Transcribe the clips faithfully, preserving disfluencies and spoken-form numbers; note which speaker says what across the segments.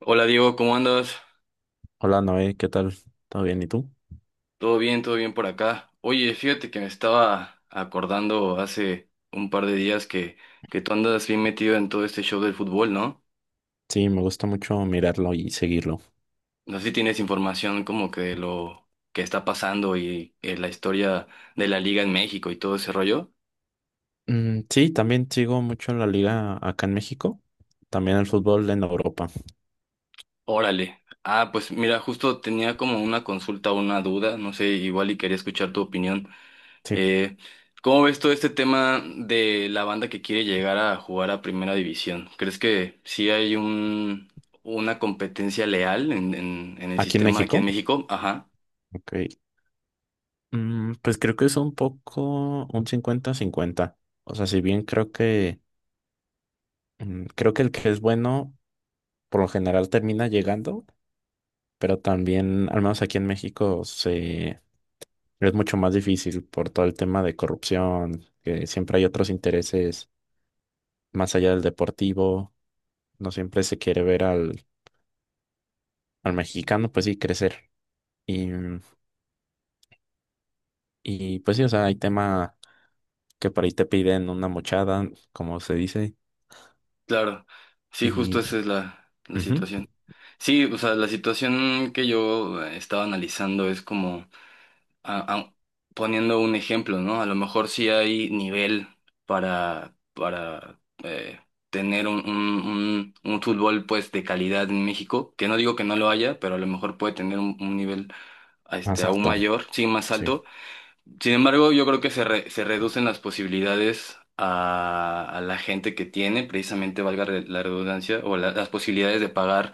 Speaker 1: Hola Diego, ¿cómo andas?
Speaker 2: Hola Noé, ¿qué tal? ¿Todo bien? ¿Y tú?
Speaker 1: ¿Todo bien? ¿Todo bien por acá? Oye, fíjate que me estaba acordando hace un par de días que, que tú andas bien metido en todo este show del fútbol, ¿no?
Speaker 2: Sí, me gusta mucho mirarlo y seguirlo.
Speaker 1: No sé si tienes información como que de lo que está pasando y eh, la historia de la liga en México y todo ese rollo.
Speaker 2: Mm, sí, también sigo mucho la liga acá en México, también el fútbol en Europa.
Speaker 1: Órale. Ah, pues mira, justo tenía como una consulta, una duda, no sé, igual y quería escuchar tu opinión.
Speaker 2: Sí,
Speaker 1: Eh, ¿Cómo ves todo este tema de la banda que quiere llegar a jugar a Primera División? ¿Crees que sí hay un, una competencia leal en, en, en el
Speaker 2: aquí en
Speaker 1: sistema aquí en
Speaker 2: México.
Speaker 1: México? Ajá,
Speaker 2: Ok. Mm, pues creo que es un poco un cincuenta-cincuenta. O sea, si bien creo que mm, creo que el que es bueno por lo general termina llegando, pero también, al menos aquí en México, se es mucho más difícil por todo el tema de corrupción, que siempre hay otros intereses más allá del deportivo, no siempre se quiere ver al, al mexicano, pues sí, crecer. Y, y pues sí, o sea, hay tema que por ahí te piden una mochada, como se dice,
Speaker 1: claro. Sí, justo
Speaker 2: y
Speaker 1: esa es la, la
Speaker 2: ujú,
Speaker 1: situación. Sí, o sea, la situación que yo eh, estaba analizando es como... a- a- poniendo un ejemplo, ¿no? A lo mejor sí hay nivel para, para eh, tener un, un, un- un fútbol pues de calidad en México, que no digo que no lo haya, pero a lo mejor puede tener un, un nivel este,
Speaker 2: más
Speaker 1: aún
Speaker 2: alto,
Speaker 1: mayor, sí, más
Speaker 2: sí,
Speaker 1: alto. Sin embargo, yo creo que se, re- se reducen las posibilidades a, a la gente que tiene, precisamente valga re- la redundancia, o la- las posibilidades de pagar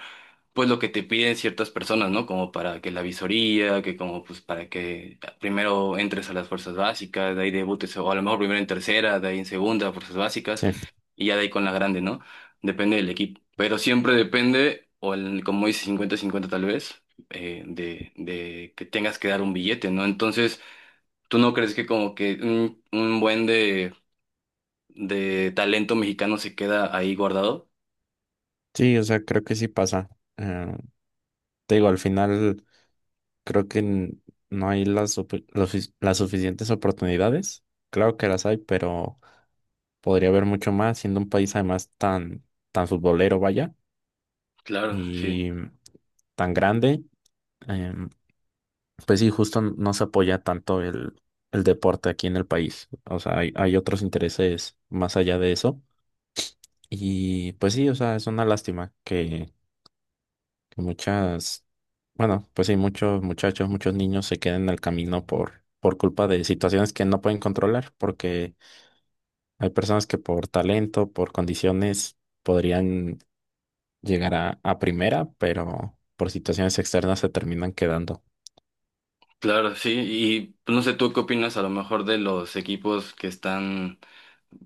Speaker 1: pues lo que te piden ciertas personas, ¿no? Como para que la visoría, que como pues para que primero entres a las fuerzas básicas, de ahí debutes, o a lo mejor primero en tercera, de ahí en segunda, fuerzas básicas,
Speaker 2: sí,
Speaker 1: y ya de ahí con la grande, ¿no? Depende del equipo, pero siempre depende, o el, como dice cincuenta cincuenta tal vez, eh, de, de que tengas que dar un billete, ¿no? Entonces, ¿tú no crees que como que un, un buen de, de talento mexicano se queda ahí guardado?
Speaker 2: sí, o sea, creo que sí pasa. Eh, Te digo, al final creo que n- no hay las, supe- lo sufic- las suficientes oportunidades, claro que las hay, pero podría haber mucho más, siendo un país además tan, tan futbolero, vaya,
Speaker 1: Claro, sí.
Speaker 2: y tan grande. Em, Pues sí, justo no se apoya tanto el, el deporte aquí en el país. O sea, hay, hay otros intereses más allá de eso. Y pues sí, o sea, es una lástima que, que muchas, bueno, pues sí, muchos muchachos, muchos niños se queden en el camino por, por culpa de situaciones que no pueden controlar, porque hay personas que por talento, por condiciones, podrían llegar a, a primera, pero por situaciones externas se terminan quedando.
Speaker 1: Claro, sí, y pues, no sé, ¿tú qué opinas a lo mejor de los equipos que están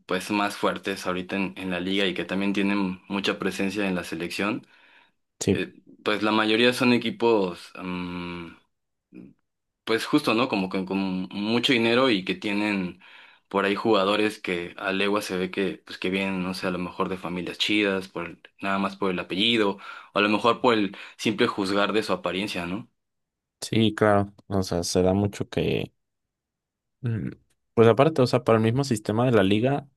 Speaker 1: pues más fuertes ahorita en, en la liga y que también tienen mucha presencia en la selección?
Speaker 2: Sí,
Speaker 1: Eh, pues la mayoría son equipos, mm, pues justo, ¿no? Como con, con mucho dinero y que tienen por ahí jugadores que a legua se ve que, pues que vienen, no sé, a lo mejor de familias chidas, por el- nada más por el apellido, o a lo mejor por el simple juzgar de su apariencia, ¿no?
Speaker 2: sí, claro. O sea, se da mucho que Mm, pues aparte, o sea, para el mismo sistema de la liga,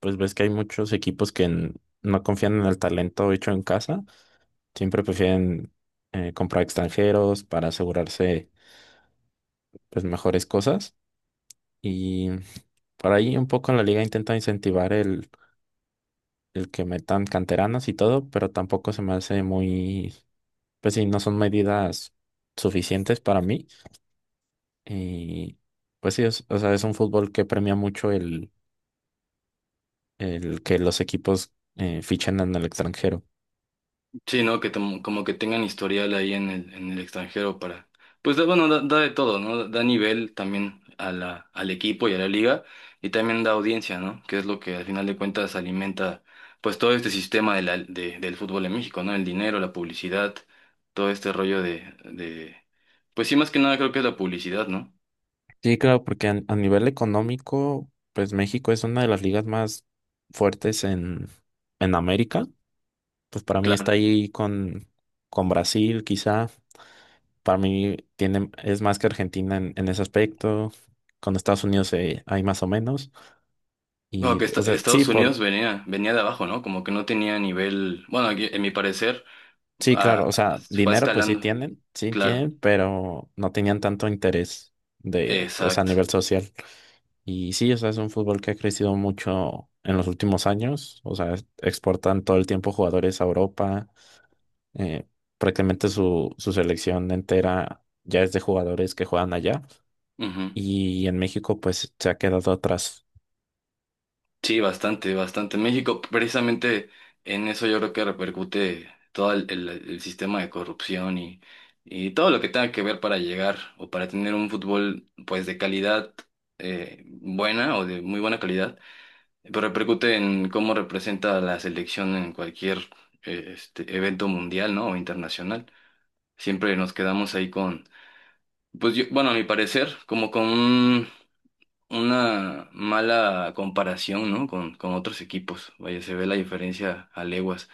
Speaker 2: pues ves que hay muchos equipos que n- no confían en el talento hecho en casa, siempre prefieren eh, comprar extranjeros para asegurarse pues mejores cosas y por ahí un poco en la liga intenta incentivar el, el que metan canteranas y todo, pero tampoco se me hace muy, pues sí, no son medidas suficientes para mí y pues sí, es- o sea, es un fútbol que premia mucho el que los equipos eh, fichan en el extranjero.
Speaker 1: Sí, ¿no? Que tom- como que tengan historial ahí en el, en el extranjero para... Pues da- bueno, da, da de todo, ¿no? Da nivel también a la, al equipo y a la liga y también da audiencia, ¿no? Que es lo que al final de cuentas alimenta pues todo este sistema de la- de- del fútbol en México, ¿no? El dinero, la publicidad, todo este rollo de, de... Pues sí, más que nada creo que es la publicidad, ¿no?
Speaker 2: Sí, claro, porque a, a nivel económico, pues México es una de las ligas más fuertes en, en América. Pues para mí
Speaker 1: Claro.
Speaker 2: está ahí con, con Brasil, quizá. Para mí tiene, es más que Argentina en, en ese aspecto. Con Estados Unidos eh, hay más o menos.
Speaker 1: No,
Speaker 2: Y,
Speaker 1: que esta-
Speaker 2: o sea, sí,
Speaker 1: Estados
Speaker 2: por,
Speaker 1: Unidos venía, venía de abajo, ¿no? Como que no tenía nivel, bueno, aquí, en mi parecer,
Speaker 2: sí, claro,
Speaker 1: a-
Speaker 2: o sea,
Speaker 1: fue
Speaker 2: dinero pues sí
Speaker 1: escalando,
Speaker 2: tienen, sí
Speaker 1: claro.
Speaker 2: tienen, pero no tenían tanto interés de, pues a
Speaker 1: Exacto.
Speaker 2: nivel social. Y sí, o sea, es un fútbol que ha crecido mucho en los últimos años. O sea, es- exportan todo el tiempo jugadores a Europa. eh, Prácticamente su, su selección entera ya es de jugadores que juegan allá.
Speaker 1: Ujú.
Speaker 2: Y en México, pues, se ha quedado atrás.
Speaker 1: Sí, bastante, bastante. México, precisamente en eso yo creo que repercute todo el, el- el sistema de corrupción y, y todo lo que tenga que ver para llegar o para tener un fútbol pues de calidad eh, buena o de muy buena calidad, pero repercute en cómo representa a la selección en cualquier eh, este, evento mundial, ¿no? O internacional. Siempre nos quedamos ahí con, pues yo, bueno, a mi parecer, como con una mala comparación, ¿no? Con, con otros equipos. Vaya, se ve la diferencia a leguas.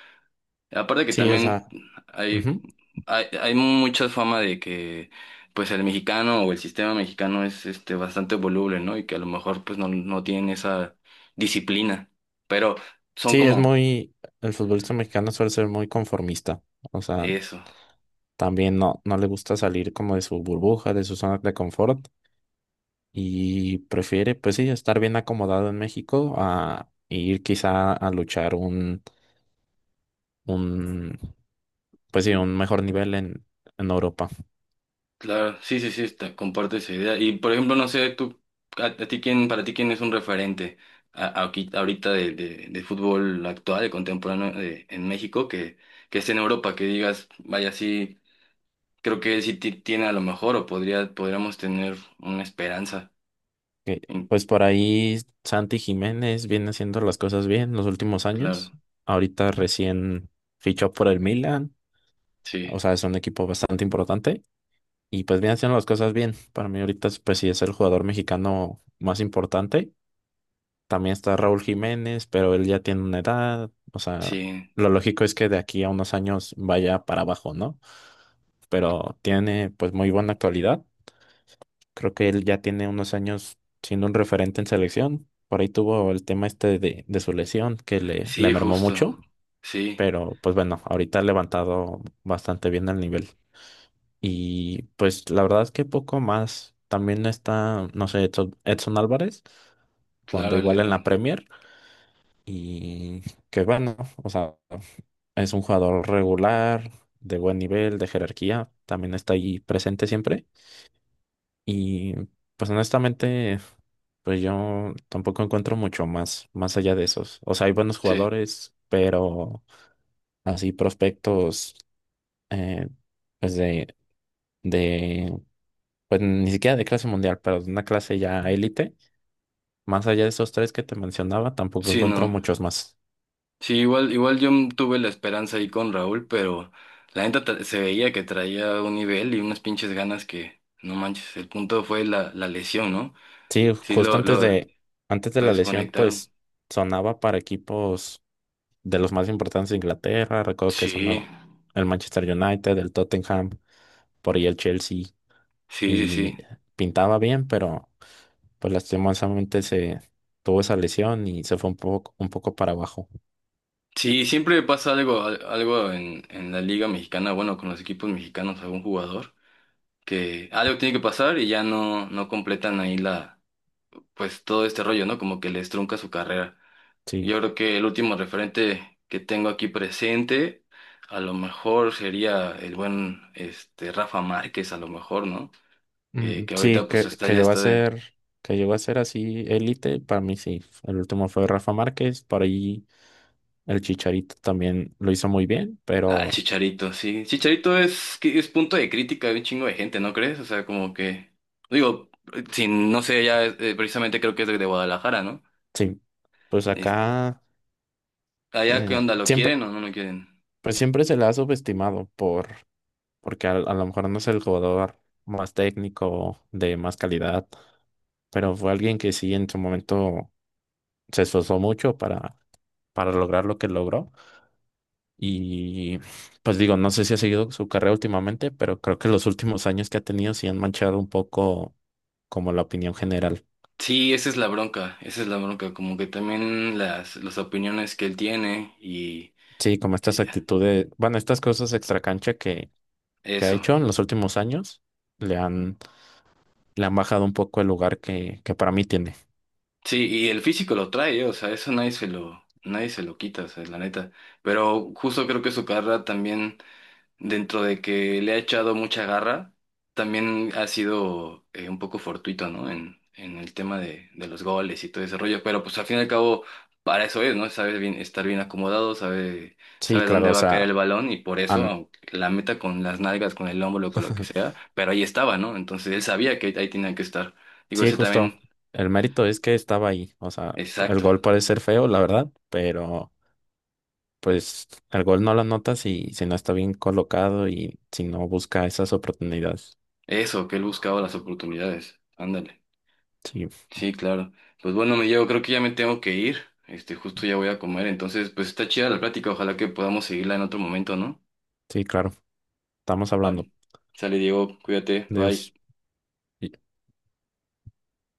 Speaker 1: Aparte que
Speaker 2: Sí, o
Speaker 1: también
Speaker 2: sea,
Speaker 1: hay,
Speaker 2: ujú.
Speaker 1: hay, hay mucha fama de que pues el mexicano o el sistema mexicano es este bastante voluble, ¿no? Y que a lo mejor pues no, no tienen esa disciplina. Pero son
Speaker 2: Sí, es
Speaker 1: como
Speaker 2: muy, el futbolista mexicano suele ser muy conformista. O sea,
Speaker 1: eso.
Speaker 2: también no, no le gusta salir como de su burbuja, de su zona de confort. Y prefiere, pues sí, estar bien acomodado en México a ir quizá a luchar un, un, pues sí, un mejor nivel en, en Europa.
Speaker 1: Claro, sí, sí, sí, está, comparto esa idea. Y por ejemplo, no sé, tú, a, a ti quién, para ti quién es un referente a- a- aquí- ahorita de, de, de fútbol actual, de contemporáneo de- en México, que, que esté en Europa, que digas, vaya, sí, creo que sí ti- tiene a lo mejor o podría, podríamos tener una esperanza.
Speaker 2: Que,
Speaker 1: En-
Speaker 2: pues por ahí Santi Jiménez viene haciendo las cosas bien los últimos
Speaker 1: claro,
Speaker 2: años. Ahorita recién fichó por el Milan, o
Speaker 1: sí,
Speaker 2: sea, es un equipo bastante importante y pues viene haciendo las cosas bien. Para mí ahorita, es, pues sí, es el jugador mexicano más importante. También está Raúl Jiménez, pero él ya tiene una edad. O sea,
Speaker 1: sí,
Speaker 2: lo lógico es que de aquí a unos años vaya para abajo, ¿no? Pero tiene pues muy buena actualidad. Creo que él ya tiene unos años siendo un referente en selección. Por ahí tuvo el tema este de, de su lesión que le, le
Speaker 1: sí,
Speaker 2: mermó
Speaker 1: justo,
Speaker 2: mucho.
Speaker 1: sí,
Speaker 2: Pero pues bueno, ahorita ha levantado bastante bien el nivel. Y pues la verdad es que poco más. También está, no sé, Edson Edson Álvarez, cuando
Speaker 1: claro, el-
Speaker 2: igual en la Premier. Y que bueno, o sea, es un jugador regular, de buen nivel, de jerarquía, también está ahí presente siempre. Y pues honestamente, pues yo tampoco encuentro mucho más, más allá de esos. O sea, hay buenos
Speaker 1: sí,
Speaker 2: jugadores, pero así prospectos, eh, pues de, de, pues ni siquiera de clase mundial, pero de una clase ya élite. Más allá de esos tres que te mencionaba, tampoco
Speaker 1: sí,
Speaker 2: encuentro
Speaker 1: no.
Speaker 2: muchos más.
Speaker 1: Sí, igual, igual yo tuve la esperanza ahí con Raúl, pero la neta tra- se veía que traía un nivel y unas pinches ganas que, no manches, el punto fue la, la lesión, ¿no?
Speaker 2: Sí,
Speaker 1: Sí,
Speaker 2: justo
Speaker 1: lo,
Speaker 2: antes
Speaker 1: lo, lo
Speaker 2: de, antes de la lesión,
Speaker 1: desconectaron.
Speaker 2: pues sonaba para equipos de los más importantes de Inglaterra. Recuerdo que
Speaker 1: Sí,
Speaker 2: sonó el Manchester United, el Tottenham, por ahí el Chelsea.
Speaker 1: sí, sí,
Speaker 2: Y
Speaker 1: sí.
Speaker 2: pintaba bien, pero pues lastimosamente se tuvo esa lesión y se fue un poco, un poco para abajo.
Speaker 1: Sí, siempre pasa algo, al- algo en, en la Liga Mexicana, bueno, con los equipos mexicanos, algún jugador, que algo tiene que pasar y ya no, no completan ahí la, pues todo este rollo, ¿no? Como que les trunca su carrera.
Speaker 2: Sí,
Speaker 1: Yo creo que el último referente que tengo aquí presente, a lo mejor sería el buen este Rafa Márquez, a lo mejor, ¿no? Que,
Speaker 2: Mm,
Speaker 1: que
Speaker 2: sí,
Speaker 1: ahorita pues
Speaker 2: que,
Speaker 1: está
Speaker 2: que
Speaker 1: ya
Speaker 2: llegó a
Speaker 1: está de.
Speaker 2: ser, que llegó a ser así élite, para mí sí. El último fue Rafa Márquez, por ahí el Chicharito también lo hizo muy bien,
Speaker 1: Ah, el
Speaker 2: pero
Speaker 1: Chicharito, sí. Chicharito es, que es punto de crítica de un chingo de gente, ¿no crees? O sea, como que. Digo, sin, no sé, ya eh, precisamente creo que es de, de Guadalajara, ¿no?
Speaker 2: sí, pues
Speaker 1: Es-
Speaker 2: acá
Speaker 1: allá qué
Speaker 2: eh,
Speaker 1: onda, ¿lo
Speaker 2: siempre,
Speaker 1: quieren o no lo quieren?
Speaker 2: pues siempre se le ha subestimado por, porque a, a lo mejor no es el jugador más técnico, de más calidad, pero fue alguien que sí en su momento se esforzó mucho para, para lograr lo que logró. Y pues digo, no sé si ha seguido su carrera últimamente, pero creo que los últimos años que ha tenido sí han manchado un poco como la opinión general.
Speaker 1: Sí, esa es la bronca, esa es la bronca, como que también las, las opiniones que él tiene y.
Speaker 2: Sí, como estas
Speaker 1: eh,
Speaker 2: actitudes, bueno, estas cosas extracancha que que ha
Speaker 1: eso,
Speaker 2: hecho en los últimos años, le han, le han bajado un poco el lugar que, que para mí tiene.
Speaker 1: Sí, y el físico lo trae, ¿eh? O sea, eso nadie se lo, nadie se lo quita, o sea, la neta. Pero justo creo que su carrera también, dentro de que le ha echado mucha garra, también ha sido eh, un poco fortuito, ¿no? En, en el tema de, de los goles y todo ese rollo. Pero pues al fin y al cabo, para eso es, ¿no? Sabe bien, estar bien acomodado, sabe,
Speaker 2: Sí,
Speaker 1: sabe
Speaker 2: claro,
Speaker 1: dónde
Speaker 2: o
Speaker 1: va a caer el
Speaker 2: sea,
Speaker 1: balón y por eso,
Speaker 2: han-
Speaker 1: aunque la meta con las nalgas, con el hombro, con lo que sea, pero ahí estaba, ¿no? Entonces él sabía que ahí tenía que estar. Digo,
Speaker 2: sí,
Speaker 1: ese
Speaker 2: justo.
Speaker 1: también,
Speaker 2: El mérito es que estaba ahí. O sea, el
Speaker 1: exacto.
Speaker 2: gol puede ser feo, la verdad, pero pues el gol no lo notas si, si no está bien colocado y si no busca esas oportunidades.
Speaker 1: Eso, que él buscaba las oportunidades. Ándale.
Speaker 2: Sí,
Speaker 1: Sí, claro. Pues bueno, me llevo, creo que ya me tengo que ir. Este, justo ya voy a comer. Entonces, pues está chida la plática. Ojalá que podamos seguirla en otro momento, ¿no?
Speaker 2: sí, claro. Estamos hablando.
Speaker 1: Vale. Sale, Diego, cuídate. Bye.
Speaker 2: Dios.